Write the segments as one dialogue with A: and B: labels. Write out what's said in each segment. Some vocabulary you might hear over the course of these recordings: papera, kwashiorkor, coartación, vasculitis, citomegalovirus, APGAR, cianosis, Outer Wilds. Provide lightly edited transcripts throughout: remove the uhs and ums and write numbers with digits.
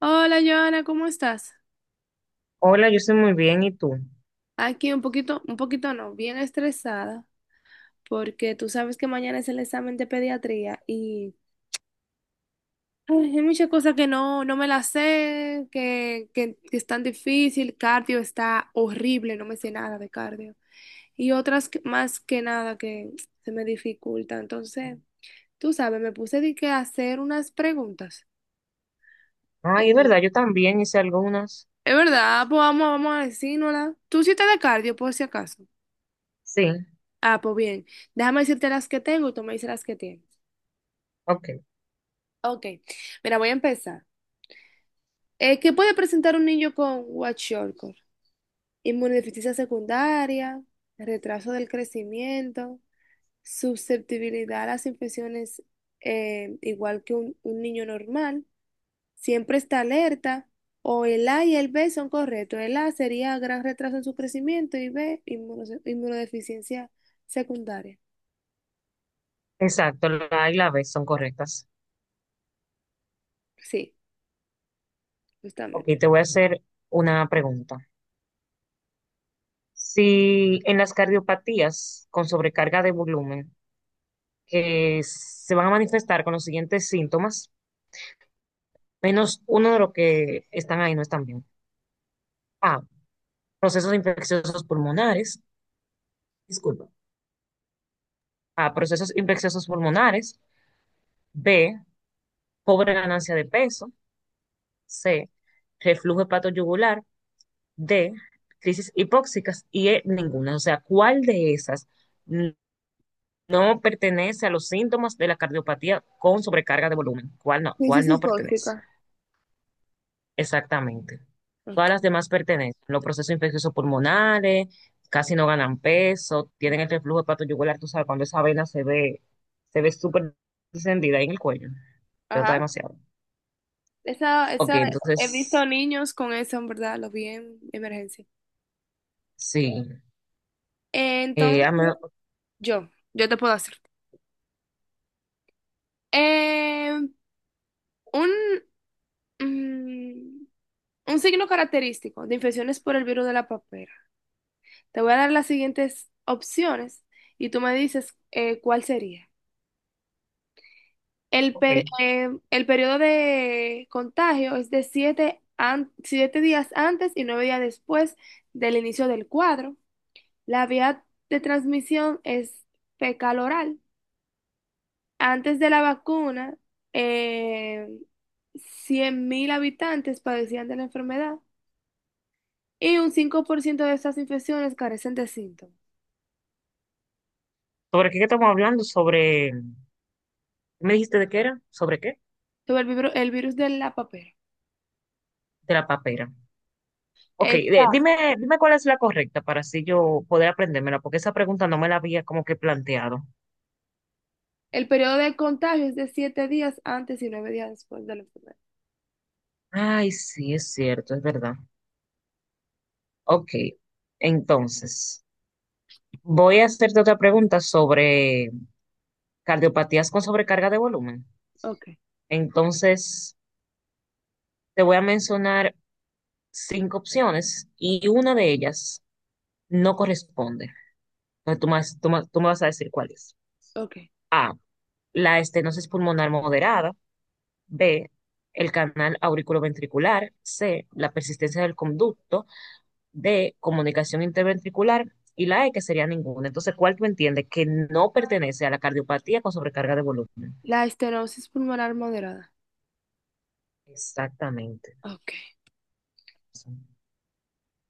A: Hola, Joana, ¿cómo estás?
B: Hola, yo estoy muy bien, ¿y tú?
A: Aquí un poquito no, bien estresada, porque tú sabes que mañana es el examen de pediatría y ay, hay muchas cosas que no me las sé, que es tan difícil, cardio está horrible, no me sé nada de cardio. Y más que nada que se me dificulta. Entonces, tú sabes, me puse de que a hacer unas preguntas.
B: Ay, es
A: Eh,
B: verdad, yo también hice algunas.
A: es verdad, pues vamos, vamos a decírnosla. Tú sí estás de cardio, por si acaso.
B: Sí,
A: Ah, pues bien. Déjame decirte las que tengo y tú me dices las que tienes.
B: ok.
A: Ok. Mira, voy a empezar. ¿Qué puede presentar un niño con kwashiorkor? Inmunodeficiencia secundaria, retraso del crecimiento, susceptibilidad a las infecciones, igual que un niño normal, siempre está alerta, o el A y el B son correctos. El A sería gran retraso en su crecimiento y B, inmunodeficiencia secundaria.
B: Exacto, la A y la B son correctas.
A: Sí,
B: Ok,
A: justamente.
B: te voy a hacer una pregunta. Si en las cardiopatías con sobrecarga de volumen que se van a manifestar con los siguientes síntomas, menos uno de los que están ahí no están bien. A, procesos infecciosos pulmonares, disculpa. A, procesos infecciosos pulmonares. B, pobre ganancia de peso. C, reflujo hepatoyugular de crisis hipóxicas y E, ninguna. O sea, ¿cuál de esas no pertenece a los síntomas de la cardiopatía con sobrecarga de volumen? ¿Cuál no?
A: Crisis
B: ¿Cuál no pertenece?
A: hipóxica.
B: Exactamente.
A: Ok.
B: Todas las demás pertenecen. Los procesos infecciosos pulmonares, casi no ganan peso, tienen el reflujo hepatoyugular, tú sabes, cuando esa vena se ve súper encendida ahí en el cuello. Te nota
A: Ajá.
B: demasiado.
A: Esa,
B: Ok,
A: esa, he visto
B: entonces,
A: niños con eso, en verdad, lo vi en emergencia.
B: sí. Eh,
A: Entonces,
B: a me-
A: yo te puedo hacer. Eh, un, mm, un signo característico de infecciones por el virus de la papera. Te voy a dar las siguientes opciones y tú me dices, cuál sería.
B: ok.
A: El periodo de contagio es de siete días antes y 9 días después del inicio del cuadro. La vía de transmisión es fecal oral. Antes de la vacuna, eh, 100.000 habitantes padecían de la enfermedad y un 5% de estas infecciones carecen de síntomas.
B: ¿Sobre qué estamos hablando? Sobre ¿me dijiste de qué era? ¿Sobre qué?
A: Sobre el virus de la papera.
B: De la papera. Ok,
A: Está.
B: dime, dime cuál es la correcta para así yo poder aprendérmela, porque esa pregunta no me la había como que planteado.
A: El periodo de contagio es de 7 días antes y nueve días después de la enfermedad.
B: Ay, sí, es cierto, es verdad. Ok, entonces, voy a hacerte otra pregunta sobre cardiopatías con sobrecarga de volumen.
A: Ok,
B: Entonces, te voy a mencionar cinco opciones y una de ellas no corresponde. Entonces, tú me vas a decir cuál es.
A: ok.
B: A, la estenosis pulmonar moderada. B, el canal auriculoventricular, C, la persistencia del conducto, D, comunicación interventricular y la E, que sería ninguna. Entonces, ¿cuál tú entiendes que no pertenece a la cardiopatía con sobrecarga de volumen?
A: La estenosis pulmonar moderada.
B: Exactamente.
A: Ok.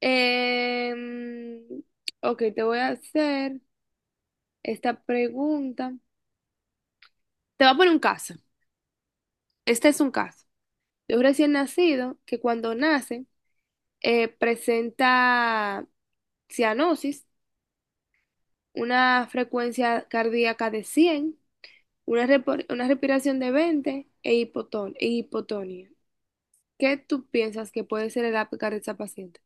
A: Em, ok, te voy a hacer esta pregunta. Te voy a poner un caso. Este es un caso de un recién nacido que cuando nace, presenta cianosis, una frecuencia cardíaca de 100, una respiración de 20 e hipotonía. ¿Qué tú piensas que puede ser el APGAR de esa paciente?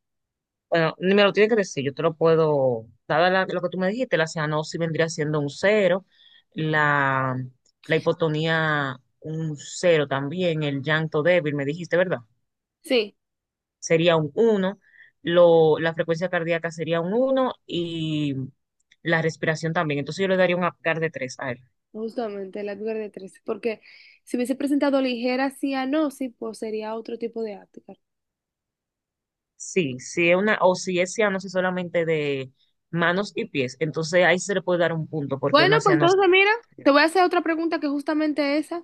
B: Bueno, ni me lo tienes que decir, yo te lo puedo, dada lo que tú me dijiste, la cianosis vendría siendo un cero, la, la hipotonía un cero también, el llanto débil, me dijiste, ¿verdad?
A: Sí,
B: Sería un uno lo, la frecuencia cardíaca sería un uno y la respiración también. Entonces yo le daría un Apgar de 3 a él.
A: justamente el APGAR de 13, porque si hubiese presentado ligera cianosis, pues sería otro tipo de APGAR.
B: Sí, si es una, o si es cianosis solamente de manos y pies, entonces ahí se le puede dar un punto porque
A: Bueno,
B: una
A: pues
B: cianosis.
A: entonces mira, te voy a hacer otra pregunta que justamente esa.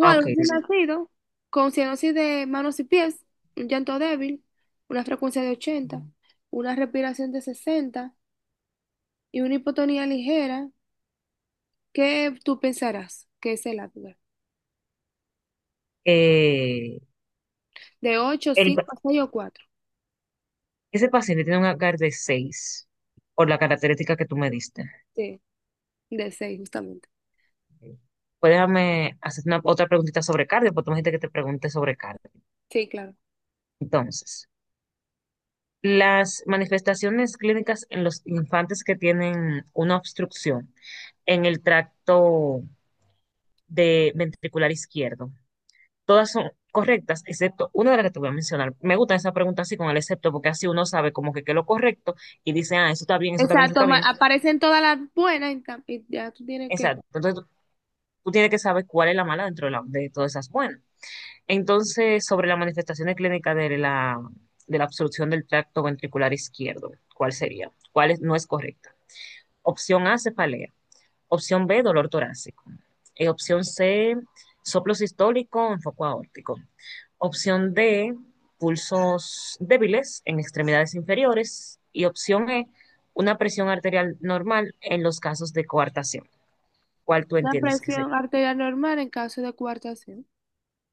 B: Ah, ok,
A: un recién
B: dime.
A: nacido con cianosis de manos y pies, un llanto débil, una frecuencia de ochenta, una respiración de 60 y una hipotonía ligera, ¿qué tú pensarás que es el Apgar?
B: Eh,
A: ¿De 8,
B: el
A: 5, 6 o cuatro?
B: ese paciente tiene un Apgar de 6 por la característica que tú me diste.
A: Sí, de 6 justamente.
B: Pues déjame hacer otra preguntita sobre cardio, porque tú me dijiste que te pregunte sobre cardio.
A: Sí, claro.
B: Entonces, las manifestaciones clínicas en los infantes que tienen una obstrucción en el tracto de ventricular izquierdo, todas son correctas, excepto una de las que te voy a mencionar. Me gusta esa pregunta así con el excepto, porque así uno sabe como que qué es lo correcto y dice, ah, eso está bien, eso está bien, eso
A: Exacto,
B: está bien.
A: aparecen todas las buenas y, y ya tú tienes que...
B: Exacto. Entonces tú tienes que saber cuál es la mala dentro de, de todas esas buenas. Entonces, sobre la manifestación clínica de de la obstrucción del tracto ventricular izquierdo, ¿cuál sería? ¿Cuál no es correcta? Opción A, cefalea. Opción B, dolor torácico. Opción C, soplo sistólico en foco aórtico. Opción D, pulsos débiles en extremidades inferiores. Y opción E, una presión arterial normal en los casos de coartación. ¿Cuál tú
A: Una
B: entiendes que
A: presión
B: sería?
A: arterial normal en caso de coartación.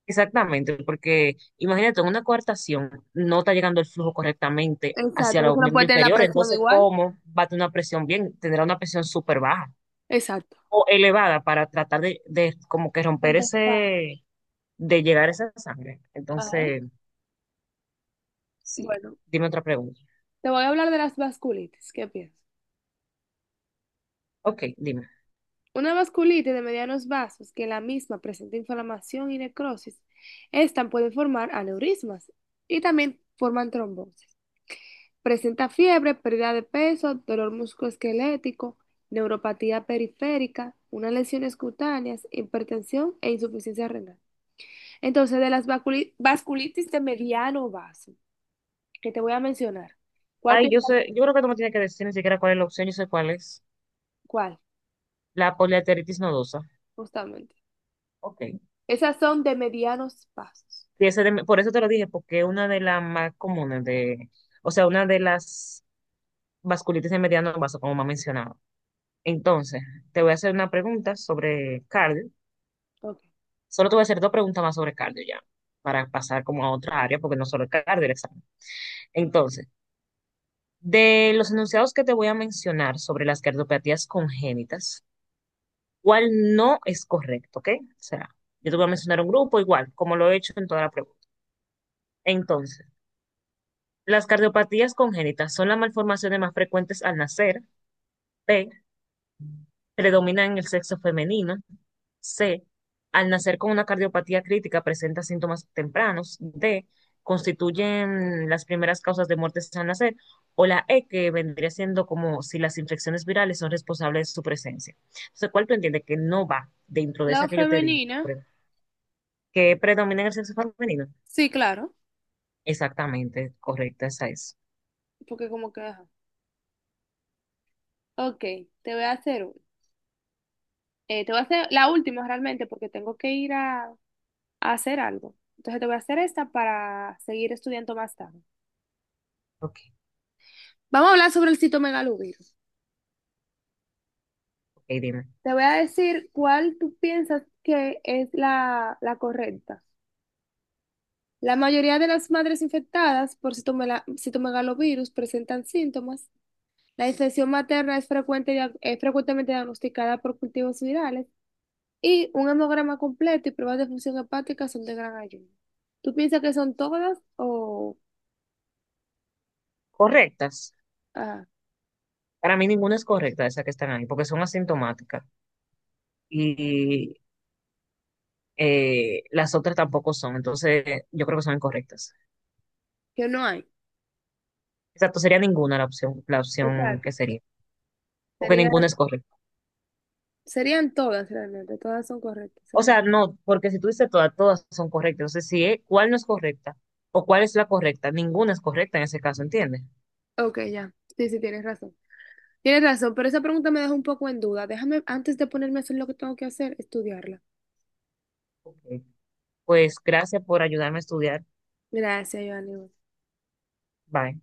B: Exactamente, porque imagínate, en una coartación no está llegando el flujo correctamente hacia
A: Exacto, eso
B: los
A: no puede
B: miembros
A: tener la
B: inferiores,
A: presión
B: entonces,
A: igual.
B: ¿cómo va a tener una presión bien? Tendrá una presión súper baja.
A: Exacto.
B: O elevada para tratar de como que romper ese,
A: Compensar.
B: de llegar a esa sangre.
A: Ajá.
B: Entonces, sí,
A: Bueno.
B: dime otra pregunta.
A: Te voy a hablar de las vasculitis. ¿Qué piensas?
B: Ok, dime.
A: Una vasculitis de medianos vasos que la misma presenta inflamación y necrosis. Esta puede formar aneurismas y también forman trombosis. Presenta fiebre, pérdida de peso, dolor musculoesquelético, neuropatía periférica, unas lesiones cutáneas, hipertensión e insuficiencia renal. Entonces, de las vasculitis de mediano vaso que te voy a mencionar, ¿cuál
B: Ay,
A: piensas?
B: yo sé, yo creo que tú me tienes que decir ni siquiera cuál es la opción, yo sé cuál es.
A: ¿Cuál?
B: La poliarteritis nodosa.
A: Justamente.
B: Ok.
A: Esas son de medianos vasos.
B: Y por eso te lo dije, porque es una de las más comunes de, o sea, una de las vasculitis de mediano vaso, como me ha mencionado. Entonces, te voy a hacer una pregunta sobre cardio.
A: Ok.
B: Solo te voy a hacer dos preguntas más sobre cardio ya, para pasar como a otra área, porque no solo es cardio el examen. Entonces, de los enunciados que te voy a mencionar sobre las cardiopatías congénitas, ¿cuál no es correcto? ¿Ok? O sea, yo te voy a mencionar un grupo igual, como lo he hecho en toda la pregunta. Entonces, las cardiopatías congénitas son las malformaciones más frecuentes al nacer. P, predominan en el sexo femenino. C, al nacer con una cardiopatía crítica presenta síntomas tempranos. D, constituyen las primeras causas de muertes al nacer. O la E, que vendría siendo como si las infecciones virales son responsables de su presencia. Entonces, ¿cuál tú entiendes que no va dentro de
A: La
B: esa que yo te dije?
A: femenina,
B: Que predomina en el sexo femenino.
A: sí, claro,
B: Exactamente, correcta, esa es.
A: porque como que, ajá. Ok, te voy a hacer, te voy a hacer la última realmente porque tengo que ir a hacer algo. Entonces te voy a hacer esta para seguir estudiando más tarde.
B: Ok,
A: Vamos a hablar sobre el citomegalovirus.
B: ok, dime.
A: Te voy a decir cuál tú piensas que es la correcta. La mayoría de las madres infectadas por citomegalovirus presentan síntomas. La infección materna es frecuente, es frecuentemente diagnosticada por cultivos virales. Y un hemograma completo y pruebas de función hepática son de gran ayuda. ¿Tú piensas que son todas o
B: Correctas.
A: ah,
B: Para mí ninguna es correcta de esas que están ahí, porque son asintomáticas. Y las otras tampoco son, entonces yo creo que son incorrectas.
A: que no hay?
B: Exacto, sería ninguna la opción
A: Exacto.
B: que sería, porque
A: Sería,
B: ninguna es correcta.
A: serían todas realmente, todas son correctas.
B: O
A: Ok.
B: sea, no, porque si tú dices todas, todas son correctas, entonces si cuál no es correcta o cuál es la correcta, ninguna es correcta en ese caso, ¿entiendes?
A: Ok, ya. Sí, sí, tienes razón. Tienes razón, pero esa pregunta me deja un poco en duda. Déjame, antes de ponerme a hacer lo que tengo que hacer, estudiarla.
B: Ok. Pues gracias por ayudarme a estudiar.
A: Gracias, Joanny.
B: Bye.